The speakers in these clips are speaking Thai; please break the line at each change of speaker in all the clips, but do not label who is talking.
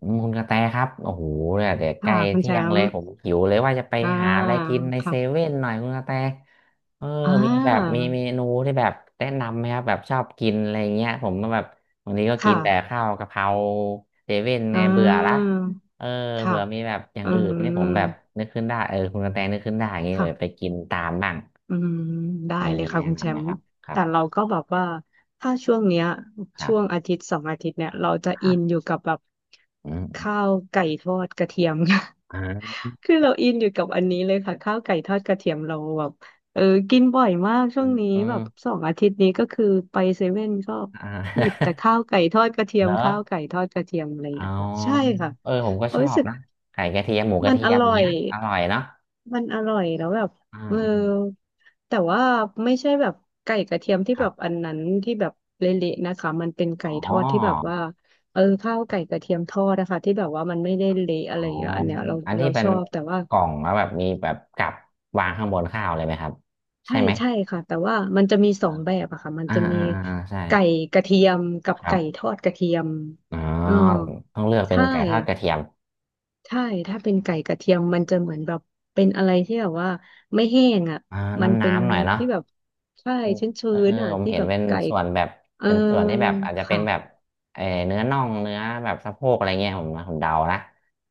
อืมคุณกระแตครับโอ้โหเนี่ยเดี๋ยวใกล้
ค่ะคุณ
เที่
แช
ยง
ม
เลย
ป์
ผมหิวเลยว่าจะไป
อ่า
หาอะไรกินในเซ
ค่ะ
เว่นหน่อยคุณกระแตเออ
อ่
มีแบบมี
า
เมนูที่แบบแนะนำไหมครับแบบชอบกินอะไรเงี้ยผมก็แบบวันนี้ก็กิน
ค่ะ
แต่ข้าวกะเพราเซเว่นไง
อ่
เบื่อละ
า
เออ
ค่ะ
เผื่อมีแบบอย่าง
อื
อื่นนี่ผมแบบ
ม
นึกขึ้นได้เออคุณกระแตนึกขึ้นได้อย่างเงี้ยแบบไป
ค่ะ
กินตามบ้าง
อืมได้
มี
เลย
มี
ค่ะ
แนะ
คุณแช
นำไหม
มป์
ครับครั
แต่
บ
เราก็แบบว่าถ้าช่วงเนี้ย
ครั
ช่
บ
วงอาทิตย์สองอาทิตย์เนี่ยเราจะ
ครั
อินอยู่
บ
กับแบบ
อืม
ข้าวไก่ทอดกระเทียม
อ่า
คือเราอินอยู่กับอันนี้เลยค่ะข้าวไก่ทอดกระเทียมเราแบบเออกินบ่อยมากช่ว
อื
งนี้แบบ
ม
สองอาทิตย์นี้ก็คือไปเซเว่นก็
อ่
หยิบแต่
า
ข้าวไก่ทอดกระเที ย
เหร
ม
อ
ข้าวไก่ทอดกระเทียมอะไรอย่าง
อ๋อ
เงี้ยค่ะใช่ค่ะ
เออผมก็
เรา
ชอ
รู้
บ
สึก
นะไข่กระเทียมหมูกระ
มัน
เที
อ
ยม
ร่อ
เนี้
ย
ยอร่อยเนาะ
มันอร่อยแล้วแบบ
อ่า
เออ
อืม
แต่ว่าไม่ใช่แบบไก่กระเทียมที่
ค
แบ
รั
บอั
บ
นนั้นที่แบบเละๆนะคะมันเป็นไก่
อ๋
ทอดที่แบบ
อ
ว่าเออข้าวไก่กระเทียมทอดนะคะที่แบบว่ามันไม่ได้เละ
อ๋อ
อะไรอย่างเงี้ยอันเนี้ยเรา
อันที่
เรา
เป็
ช
น
อบแต่ว่า
กล่องแล้วแบบมีแบบกับวางข้างบนข้าวเลยไหมครับใช่
ใช่
ไหม
ใช่ค่ะแต่ว่ามันจะมี
อ่า
สองแบบอะค่ะมัน
อ่า
จะมี
อ่าอ่าใช่
ไก่กระเทียมกับ
ครั
ไก่ท
บ
อดกระเทียม
อ๋อ
เออ
ต้องเลือกเป็น
ใช่
ไก่ทอดกระเทียม
ใช่ถ้าเป็นไก่กระเทียมมันจะเหมือนแบบเป็นอะไรที่แบบว่าไม่แห้งอ่ะ
อ่า
มัน
น้ำ
เป็น
น้ำหน่อยเนาะ
ที่แบบใช่
เป็น
ชื้
เออ
นๆอ่ะ
ผม
ที่
เห็น
แบบ
เป็น
ไก่
ส่วนแบบ
เออ
เป็นส่วนที่แบบอาจจะเป็น
ค่ะ
แบบเออเนื้อน่องเนื้อแบบสะโพกอะไรเงี้ยผมเดานะ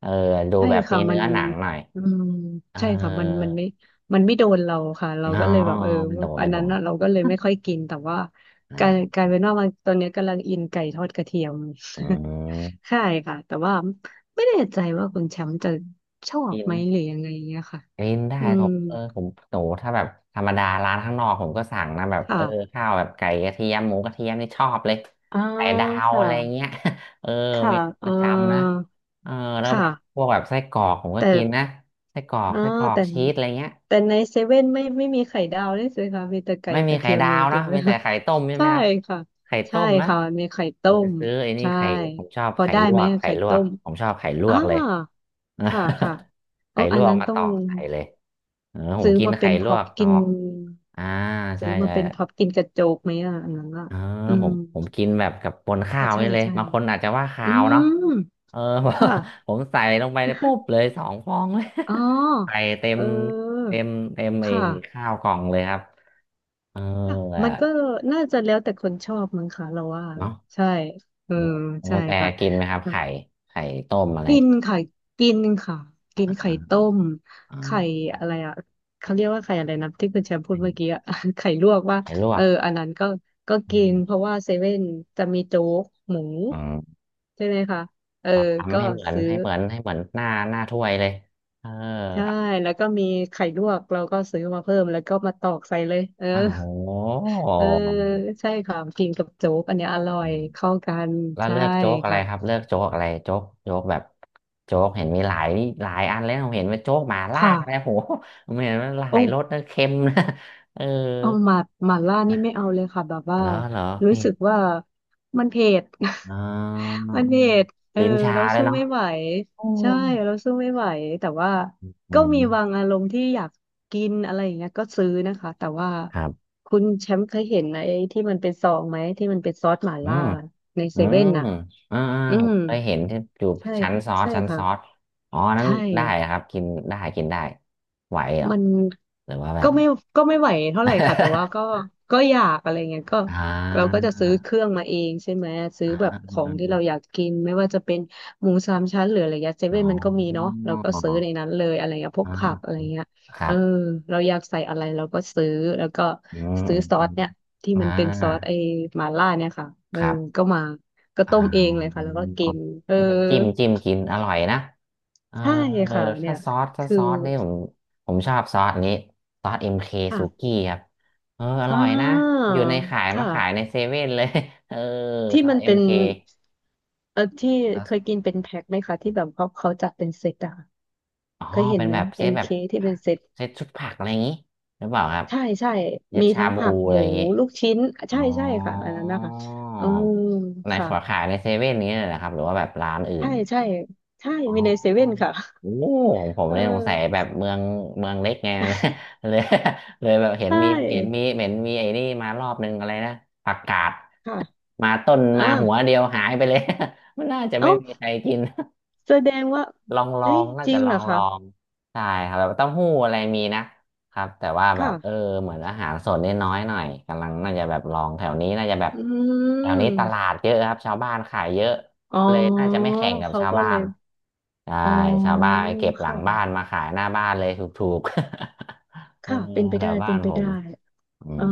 เออดู
ใช่
แบบมี
ค่ะมั
เนื้
น
อหนังหน่อย
อืม
เออ
ใช่ค่ะมันไม่โดนเราค่ะเรา
อ๋อ
ก็เลยแบบเออ
ไมันโดน
อั
ไม่
น
โด
นั้น
น
น่ะเราก็เลยไม่ค่อยกินแต่ว่าการ
อ่า
การเป็นว่ามันตอนนี้กำลังอินไก่ทอดกระเทียม
อื ม
ใช่ค่ะแต่ว่าไม่แน่ใจว่าคุณแชมป์จะชอบ
กิน
ไหมหรือยังไงเงี้ยค่ะ
กินได้
อื
ผ
ม
มเออผมโหถ้าแบบธรรมดาร้านข้างนอกผมก็สั่งนะแบบเออ
ค่ะ
ข้าวแบบไก่กระเทียมหมูกระเทียมนี่ชอบเลย
อ่า
ไก่ดาว
ค่ะ
อะไรเงี้ย เออ
ค่ะ
เมนู
เอ
ป
อ
ระจำนะเออแล้วแบ
ค่ะ
บพวกแบบไส้กรอก ผมก็
แต่
กินนะไส้กรอก
เออ
ไส้กรอก
แต่
ชีสอะไรเงี้ย
แต่ในเซเว่นไม่มีไข่ดาวด้วยสิคะมีแต่ไก่
ไม่
ก
มี
ระ
ไข่
เทียม
ดา
อย่า
ว
งเดี
เนอะ
ยวเล
มี
ย
แต่
ค่ะ
ไข่ต้มใช่ ไหม
ใช่
ครับ
ค่ะ
ไข่
ใช่
ต้มนะ
ค่ะ มีไข่
ผ
ต้
ม
ม
ซื้อไอ้นี่
ใช่
ไข่ผมชอบ
พอ
ไข่
ได้
ล
ไห
ว
ม
กไข่
ไข่
ลว
ต้
ก
ม
ผมชอบไข่ล
อ่า
วกเลย
ค่ะค่ะ เออ
ไข่ล
อัน
วก
นั้น
มา
ต้อ
ต
ง
อกไข่เลยเออผม
ซื้อ
กิน
มาเป็
ไข่
น
ล
พ็
ว
อป
กต
กิ
อ
น
กอ่าใช่
ซื้อมา
ใช่
เป็นพ็อปกินกระโจกไหมอ่ะอันนั้นอ่ะ
เออ
อื
ผ
ม
มผมกินแบบกับบน
ใช่
ข้าว
ใช่
นี่เลย
ใช่
บางคนอาจจะว่า
อื
คาวเนาะ
ม
เออ
ค่ะ
ผมใส่ลงไปเลยปุ๊บเลยสองฟองเลย
อ๋อ
ใส่เต็
เ
ม
ออ
เต็มเต็ม
ค
ไอ้
่ะ
ข้าวกล่องเลยครับเออ
ค่ะ
อะ
มันก็น่าจะแล้วแต่คนชอบมั้งค่ะเราว่า
เนาะ
ใช่เออ
น้องก
ใช่
ระแต
ค่ะ
กินไหมครับไข่ต้มอะไร
กินไข่กินค่ะกิน
อ่า
ไข่ต้มไข่
อ่า
อะไรอ่ะเขาเรียกว่าไข่อะไรนะที่คุณแชมป์พู
ไข
ดเมื่อกี้
่
อะ ไข่ลวกว่า
ไข่ลว
เอ
ก
ออันนั้นก็
อื
กิน
ม
เพราะว่าเซเว่นจะมีโจ๊กหมู
อืม
ใช่ไหมคะเออ
เราทำ
ก็
ให้เหมือน
ซื้อ
ให้เหมือนให้เหมือนหน้าถ้วยเลยเออ
ใช่ แล้วก็มีไข่ลวก เราก็ซื้อมาเพิ่ม แล้วก็มาตอกใส่เลย เออ
อ้าวโห
เออ ใช่ค่ะกินกับโจ๊กอันเนี้ยอร่อ
อื
ย
ม
เข้ากัน
แล้ว
ใช่
เลือกโจ๊กอะไร
ค่ะ
ครับเลือกโจ๊กอะไรโจ๊กแบบโจ๊กเห็นมีหลายหลายอันเล้วเห็นว่าโจ๊กหมาล่า
ค่ะ
อะไรโหผมเห็นว่าหลา
โอ้
ยรสนะเค็มนะ เออ
เอาหมาหมาล่านี่ไม่เอาเลยค่ะแบบว่า
เหรอเหรอ
รู้
เผ็
สึ
ด
กว่ามันเผ็ด
ออ
มันเผ็ดเออ
ลิ้นชา
เรา
เลย
สู้
เนาะ
ไม่ไหว
โอ
ใช่เราสู้ไม่ไหวแต่ว่า
อื
ก็มี
ม
บางอารมณ์ที่อยากกินอะไรอย่างเงี้ยก็ซื้อนะคะแต่ว่า
ครับ
คุณแชมป์เคยเห็นไอ้ที่มันเป็นซองไหมที่มันเป็นซอสหม่า
อื
ล่า
ม
ใน
อื
เซ
ม
เว่นน่ะ
อ่าอ่า
อื
ผ
ม
มเคยเห็นที่อยู่
ใช่
ชั้นซอส
ใช่
ชั้นซอส
ค่ะ
อ๋อนั้น
ใช่
ได้ครับกินได้กินได้ไหวเหรอ
มัน
หรือว่าแบ
ก็
บ
ไม่ก็ไม่ไหวเท่าไหร่ค่ะแต่ว่าก็ ก็อยากอะไรเงี้ยก็
อ่
เราก็
า
จะซื้อเครื่องมาเองใช่ไหมซื้อ
อ่า
แบบของที่เราอยา
อ
กกินไม่ว่าจะเป็นหมูสามชั้นหรืออะไรเงี้ยเซ
อ๋
เว่
อ
นมันก็มีเนาะเราก็ซื้อในนั้นเลยอะไรเงี้ยพวก
อ่
ผักอะ
า
ไรเงี้ย
ค
เอ
รั
อ
บ
เราอยากใส่อะไรเราก็ซื้อแล้วก็
อืม
ซื้อซอ
อื
ส
ม
เนี่ยที่
อมอ่า
มันเป็นซอสไอ้หม่าล่าเนี่ยค่ะเอ
ค
อ
รับ
ก็มาก็
อ่
ต้มเองเลย
า
ค่ะแล้วก็กินเออ
แล้วก็จิ้มกินอร่อยนะ เออ
ใช่ค่ะเนี่
ถ้า
ย
ซอสถ้า
คือ
ซอสนี่ผมชอบซอสนี้ซอสเอ็มเคซู
ค่ะ
กี้ครับเอออ
อ่
ร่อยนะ
า
อยู่ในขายมา
ค่ะ
ขายในเซเว่นเลย เออ
ที่
ซอ
มั
ส
น
เอ็
เป็
ม
น
เค
เออที่
แล้ว
เคยกินเป็นแพ็คไหมคะที่แบบเขาจัดเป็นเซตอะค่ะ
อ๋อ
เคยเห็น
เป็น
ไหม
แบบเซตแบ
MK
บ
ที่
ผั
เป็
ก
นเซต
เซตชุดผักอะไรอย่างนี้หรือเปล่าครับ
ใช่
เซต
มี
ชา
ทั้ง
บู
ผัก
อะ
ห
ไร
มู
อย่างงี้
ลูกชิ้น
อ๋อ
ใช่ค่ะอันนั้นนะคะอืม
ใน
ค่ะ
ขอขายในเซเว่นนี้เลยนะครับหรือว่าแบบร้านอื่
ใช่
น
ใช่ใช่
อ๋อ
มีในเซเว่นค่ะ
โอ้ผม
เอ
เนี่ยสงสัย
อ
แบบเมืองเมืองเล็กไง เลย เลยแบบเห็น
ใช่
มีเห็นมีไอ้นี่มารอบนึงอะไรนะผักกาด
ค่ะ
มาต้น
อ่า
มาหัวเดียวหายไปเลย มันน่าจะ
เอ้า
ไม่มีใครกิน
แสดงว่า
ลองลอ
เฮ้ย
งน่า
จริ
จะ
ง
ล
เห
อ
รอ
งล
คะ
องใช่ครับแบบเต้าหู้อะไรมีนะครับแต่ว่าแบบเออ
ค่ะ
เหมือนอาหารสดนี่น้อยหน่อยกำลังน่าจะแบบลองแถวนี้น่าจะแบบ
อื
แถวนี้ตลา
ม
ดเยอะครับชาวบ้านขายเยอะ
อ๋อ
เลยน่าจะไม่แข่งกับ
เขา
ชาว
ก็
บ้า
เล
น
ย
ใช่
อ๋อ
ชาวบ้านไปเก็บหลังบ้าน
ค่ะ
มาขายหน้าบ้านเลยถูกๆ เออ
ค่ะเป็นไป
แถ
ได้
วบ้า
เป็น
น
ไป
ผ
ได้
มอื
เออ
ม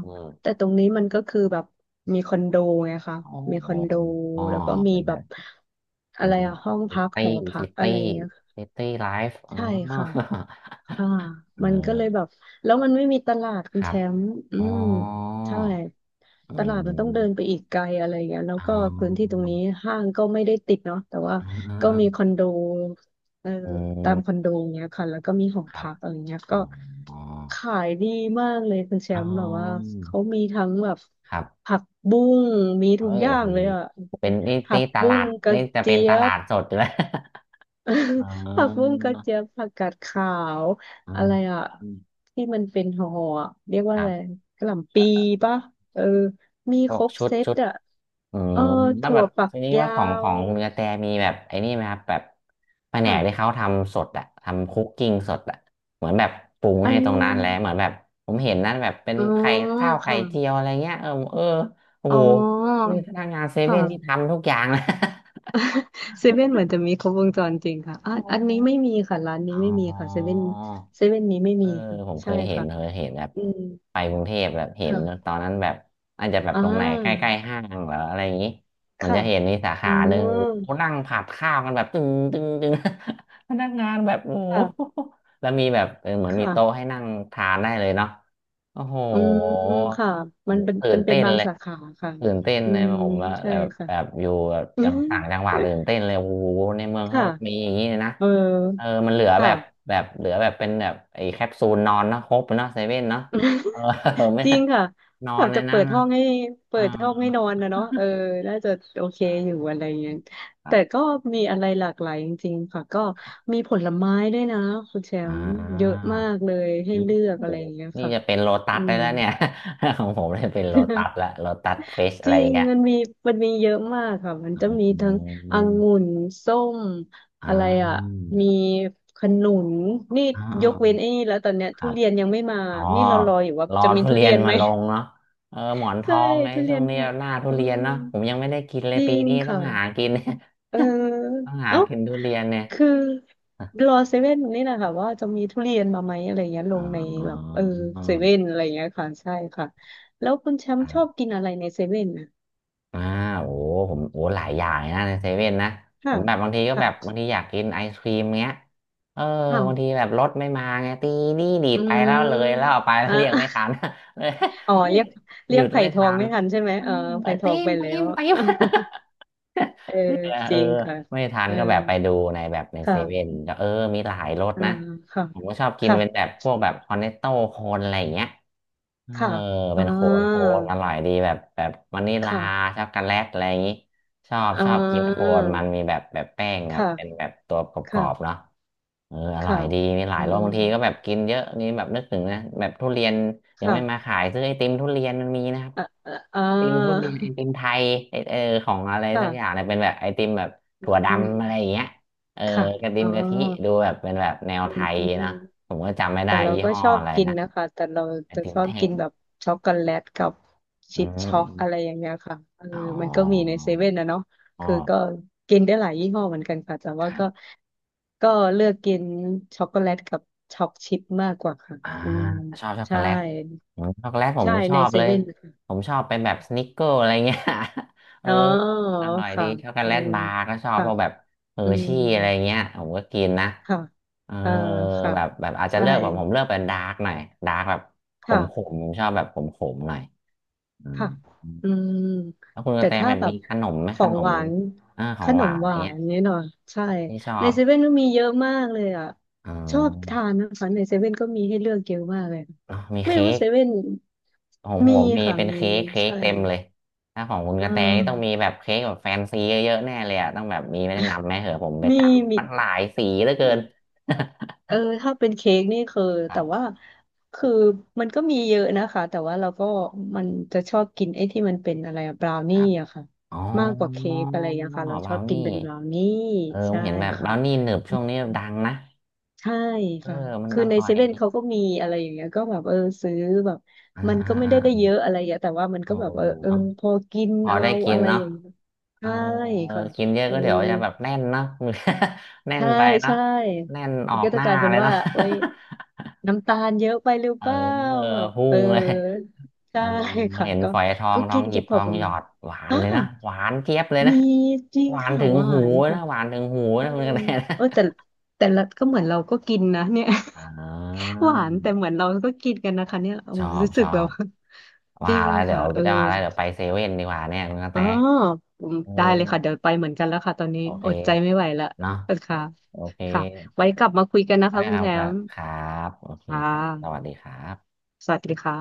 อืม
แต่ตรงนี้มันก็คือแบบมีคอนโดไงคะ
อ๋
มีคอ
อ
นโด
อ๋อ
แล้วก็มี
เป็น
แบ
แบ
บ
บเป็
อะ
น
ไรอะห้อง
ซิ
พัก
ตี้
หอพั
ซิ
กอะ
ตี้
ไรเงี้ย
ซิตี้ไลฟ์อ๋อ
ใช่ค่ะ ค่ะ
เอ
มันก็เลย
อ
แบบแล้วมันไม่มีตลาดคุ
ค
ณแช
รับ
มป์อื
อ๋
ม
อ
ใช่
อื
ตลาดมันต้องเดินไป
ม
อีกไกลอะไรอย่างเงี้ยแล้ว
อ๋
ก็พื้นที่ต
อ
รงนี้ห้างก็ไม่ได้ติดเนาะแต่ว่า
เอ๋ออ
ก็
เออ
มีคอนโดเออ
อื
ตามคอ
ม
นโดอย่างเงี้ยค่ะแล้วก็มีหอ
ครับ
พักอะไรเงี้ย
อ๋
ก็
ออ๋อ
ขายดีมากเลยคุณแช
อ๋อ
มป์แบบว่าเขามีทั้งแบบ
ครับ
ผักบุ้งมี
เฮ้
ทุก
ย
อย่า
โอ้
ง
โห
เลยอะ
เป็นนี่
ผั
นี่
ก
ต
บุ้
ลา
ง
ด
กระ
นี่จะเป็
เจี๊
นต
ย
ลา
บ
ดสดอยู่แล้ว อ่
ผักบุ้ง
า
กระเจี๊ยบผักกาดขาวอะไรอ่ะ
อืม
ที่มันเป็นห่อๆอะเรียกว่า
ครั
อะไร
บ
กะหล่ำปีป่ะเออมี
พ
ค
วก
รบ
ชุด
เซต
ชุด
อ่ะ
อื
เออ
มแล้ว
ถั่
แบ
ว
บ
ฝัก
ทีนี้ว่า
ยา
ของข
ว
องคุณกระแตมีแบบไอ้นี่ไหมครับแบบแผนกที่
ค่ะ
เขาทำสดอะทำคุกกิ้งสดอะเหมือนแบบปรุง
อั
ให้ตรงนั้นแล้ว
น
เหมือนแบบผมเห็นนั่นแบบเป็น
อ๋อ
ไข่ข้าวไข่
ค่ะ
เจียวอะไรเงี้ยเออเออโอ้
อ๋อ
โหนี่พนักงานเซเว่นนี่
ค่ะ
ทำทุกอย่างนะ
เซเว่นเหมือนจะมีครบวงจรจริงค่ะ อ่ะ
อ๋อ
อันนี้ไม่มีค่ะร้าน นี้
อ๋อ
ไม่มีค่ะเซเว่นนี้ไม่
เอ
มี
อ
ค่ะ
ผมเค
ใช่
ยเห็น
ค่ะ
แบบ
อืม
ไปกรุงเทพแบบเห็น
ค่ะ
ตอนนั้นแบบอาจจะแบบ
อ่
ตรงไหนใก
า
ล้ๆห้างเหรออะไรอย่างนี้มัน
ค่ะ
จะเห็นมีสา
อื
ขาหนึ่ง
ม
โอ้นั่งผัดข้าวกันแบบตึงตึงตึง พนักงานแบบโอ้โห
ค่ะ
แล้วมีแบบเหมือ
ค
นมีโต๊ะให้
่ะ
นั่งทานได้เลยเนาะโอ้โห
อืมค่ะ มันเป็น
ตื่
เป็
น
นเป็
เต้
น
น
บาง
เลย
สาขาค่ะ
ตื่นเต้น
อื
เลย
ม
ผมว่า
ใช่
แบบ
ค่ะ
แบบอยู่แบบจัง ต่างจังหวัดตื่นเต้นเลยโอ้โหในเมือง
ค่ะ
เขามีอย่างนี้เลยนะ
เออ
เออมันเหลือแบ
ค่ะ
บแบบเหลือแบบเป็นแบบไอ้แคปซูลนอนนะครบเนาะเซเว่นเนาะเออ ไม่
จริงค่ะ
นอ
แบ
น
บ
ใน
จะ
นั้
เปิ
น
ด
นะ
ห้องให้
เอ
เปิดห้องให้นอนนะเนาะเออน่าจะโอเคอยู่อะไรเงี้ย
อครั
แต่
บ
ก็มีอะไรหลากหลายจริงๆค่ะก็มีผลไม้ด้วยนะคุณแช
อ่
มป์เยอะ
า
มากเลย
โอ้
ให้เลือกอะ
โห
ไรอย่างเงี้ย
นี่
ค่ะ
จะเป็นโลตั
อื
สได้
ม
แล้วเนี่ย ของผมเนี่ยเป็นโลตัสละโลตัสเฟส
จ
อะไร
ริง
เงี้ย
มันมีมันมีเยอะมากค่ะมัน
อ
จะมี
ื
ทั้งอ
ม
งุ่นส้ม
อ่
อะไรอ่ะ
า
มีขนุนนี่
อ่
ยกเว้
า
นไอ้นี่แล้วตอนเนี้ย
ค
ทุ
รับ
เรียนยังไม่มา
อ๋อ
นี่เรารออยู่ว่า
รอ
จะมี
ทุ
ทุ
เรี
เรี
ย
ย
น
นไห
มา
ม
ลงเนาะเออหมอน ท
ใช่
องไง
ทุเรี
ช่
ย
ว
น
ง
แพ
นี้
ง
หน้าทุ
เออ
เรียนเนาะผมยังไม่ได้กินเล
จ
ย
ริ
ปี
ง
นี้ต้อง
ค่ะ
หากิน
เออ
ต้องหา
เอ้า
กินทุเรียนเนี่ย
คือ
อ๋อ
รอเซเว่นนี่แหละค่ะว่าจะมีทุเรียนมาไหมอะไรเงี้ยลงในแบบเออเซเว่นอะไรเงี้ยค่ะใช่ค่ะแล้วคุณแชม
ค
ป์
รั
ชอบ
บ
กินอะไรในเซเว่นนะ
อ่าโอ้ผมโอ้หลายอย่างนะในเซเว่นนะ ผ
ค่ะ
มแบบบางทีก็แบบ
ค
บางทีอยากกินไอศครีมเงี้ยเออ
่ะ
บางทีแบบรถไม่มาไงตีนี่ดี
อื
ดไปแล้วเลย แล้ว
ม
เอาไปแล้ว
อ่
เรียกไม่ทั
ะ
น เลย
อ๋อ เรียก
ห
เรี
ยุ
ยก
ด
ไผ่
ไม่
ทอ
ทั
ง
น
ไม่ทันใช่ไหม
อื
เออ
มไป
ไผ่ท
ตี
อง
ม
ไป
ตี
แล้
ม
ว
ตีม
เออ
เลือกนะ
จ
เออ
ริงค่ะ
ไม่ทัน
เออ
ก็แบบไปดูในแบบใน
ค
เซเว่น
่ะ
แล้วเออมีหลายรส
อ่า
นะ
ค่ะ
ผมก็ชอบกิน
ค่ะ
เป็นแบบพวกแบบคอนเนตโต้โคนอะไรอย่างเงี้ยเออ
ค่ะ
เป็
อ่า
นโคนโคนอร่อยดีแบบวานิลา
ค่ะ
ช็อกโกแลตอะไรอย่างงี้ชอบ
อ่
ชอบกินโค
า
นมันมีแบบแป้ง
ค
ครับเป็นแบ
่ะ
บตัวกรอบๆ
ค่ะ
เนาะเอออร่อ
ค่ะ
ยดีมีหลาย
อื
รสบางทีก็แบบ
ม
กินเยอะนี่แบบนึกถึงนะแบบทุเรียนยังไม่มา
ค่ะ
ขายซื้อไอติมทุเรียนมันมีนะครับ
อ่าอ่า
ติมทุเรียนไอติมไทยเออของอะไรสักอย่าง
ค่ะ
เนี่ยเป็นแบบไอติมแบบ
อื
ถั่วดำอะไรอ
ม
ย่างเงี้ยเออ
ค่ะ
กระติ
อ๋อ
มกะทิดูแบบเป็นแบบแนว
อื
ไทย
ม
นะ ผมก็จำไม่ได้
แต่เรา
ยี่
ก็
ห้อ
ชอบ
อะไร
กิน
นะ
นะคะแต่เรา
ไอ
จะ
ติม
ชอบ
แท่
กิ
ง
นแบบช็อกโกแลตกับ
อื
ชิป
ม
ช็อกอะไร
อ
อย่างเงี้ยค่ะเออ
อ๋
มันก็มีใน
อ
เซเว่นนะเนาะ
อ๋อ
คือก็กินได้หลายยี่ห้อเหมือนกันค่ะแต่
ค
ว่า
รั
ก็
บ
ก็เลือกกินช็อกโกแลตกับช็อกชิปมากกว่าค่ะ
อ่า
อืม
ชอบช็อกโก
ใช่
แลตอืมช็อกโกแลตผม
ใช่
ชอ
ใน
บ
เซ
เลย
เว่นนะคะ
ผมชอบเป็นแบบสนิกเกอร์อะไรเงี้ย เออ
อ๋อ
อร่อยดี
ค่ะ
ช็อกโก
เออ
แลตบาร์ก็ชอบ
ค่ะ
เพราะแบบเฮอ
อื
ร์
ม
ชี่อะไรเงี้ยผมก็กินนะ
ค่ะ
เออ
เออค่ะ
แบบแบบอาจจะ
ใช่
เลือกแบบผมเลือกเป็นดาร์กหน่อยดาร์กแบบข
ค่ะ
มขมผมชอบแบบขมขมหน่อยอืม
ค่ะอืม
แล้วคุณก
แต่
ระแต
ถ้า
แบบ
แบ
มี
บ
ขนมไหม
ข
ข
อง
น
ห
ม
วาน
ข
ข
องห
น
วา
ม
นอะ
ห
ไร
วา
เงี้ย
นเนี่ยเนาะใช่
ที่ชอ
ใน
บ
เซเว่นก็มีเยอะมากเลยอ่ะ
อ๋
ชอบ
อ
ทานนะคะ ในเซเว่นก็มีให้เลือกเยอะมากเลย
เนอะมี
ไม่
เค้
รู้
ก
เซเว่น
ของผ
มี
มมี
ค่ะ
เป็น
มี
เค้กเค้ก
ใช่
เต็มเลยถ้าของคุณก
เอ
ระแตนี่ต้องมี
อ
แบบเค้กแบบแฟนซีเยอะๆแน่เลยอ่ะต้องแบบมีแนะนำไหมเหอะผมไป
มี
ตาม
มี
มันหลายสีเหลือเกิน
เออถ้าเป็นเค้กนี่คือ
ครั
แต่ว่า
บ
คือมันก็มีเยอะนะคะแต่ว่าเราก็มันจะชอบกินไอ้ที่มันเป็นอะไรบราว
ค
นี่
รับ
อะค่ะ
อ๋อ
มากกว่าเค้กอะไรอย่างเงี้ย
บ
ค่ะเราช
รา
อบ
ว
กิ
นี่
นเป็นบราวนี่
เออผม
ใช่
เห็นแบบบ
ค่ะ
ราวนี่หนึบช่วงนี้ดังนะ
ใช่
เออ
ค่ะ
มัน
คือ
อ
ใน
ร่อ
เซ
ย
เว่น
ดี
เขาก็มีอะไรอย่างเงี้ยก็แบบเออซื้อแบบ
อ่า
มัน
อ่า
ก็ไม่ได้ได้
อ่า
เยอะอะไรอย่างเงี้ยแต่ว่ามัน
โอ้
ก็แบบเออเออ
เนาะ
พอกิน
พอได้
เรา
กิน
อะไร
เนาะ
อย่างเงี้ย
เออ
ใช่ค่ะ
กินเยอะ
เออ
ก็เดี๋ยวจะแบบแน่นเนาะ แน่น
ใช่
ไปเนาะ
ใช่
แน่นอ
มั
อ
น
ก
ก็
ห
จะ
น้า
กลายเป็น
เลย
ว่า
เนาะ
โอ้ย น้ำตาลเยอะไปหรือ
เอ
เป
อ
ล่าแบบ
พุ่
เออ
งเลย เอ
ใช่
อ
ค่ะ
เห็น
ก็
ฝอยทอง
ก็
ทอ
กิ
ง
น
ห
แก
ยิบ
พ
ท
อ
อ
ป
ง
ระ
หยอ
มาณ
ดหวาน
อ่า
เลยนะหวานเจี๊ยบเลยนะ
มีจริง
หวาน
ค่ะ
ถึง
หวา
หู
นค่ะ
นะหวานถึงหู
เออ
นะคุณกระแตนะ
เออแต่แต่ละก็เหมือนเราก็กินนะเนี่ย
อ่า
หวานแต่เหมือนเราก็กินกันนะคะเนี่ยโอ้
ชอบ
รู้สึ
ช
ก
อ
แบบ
บ
จ
ว่า
ริง
แล้วเดี๋ย
ค่ะ
ว
เออ
จะว่าแล้วเดี๋ยวไปเซเว่นดีกว่าเนี่ยคุณกระ
อ๋
แต
ออืม
เอ
ได้เลยค่ะเดี๋ย
อ
วไปเหมือนกันแล้วค่ะตอนนี้
โอเค
อดใจไม่ไหวละ
เนาะ
เออค่ะ
โอเค
ค่ะไว้กลับมาคุยกันนะ
ไว้
คะคุ
ค
ณ
รั
แช
บ
มป์
ครับโอเค
ค่
ครับสวัส
ะ
ดีครับ
สวัสดีค่ะ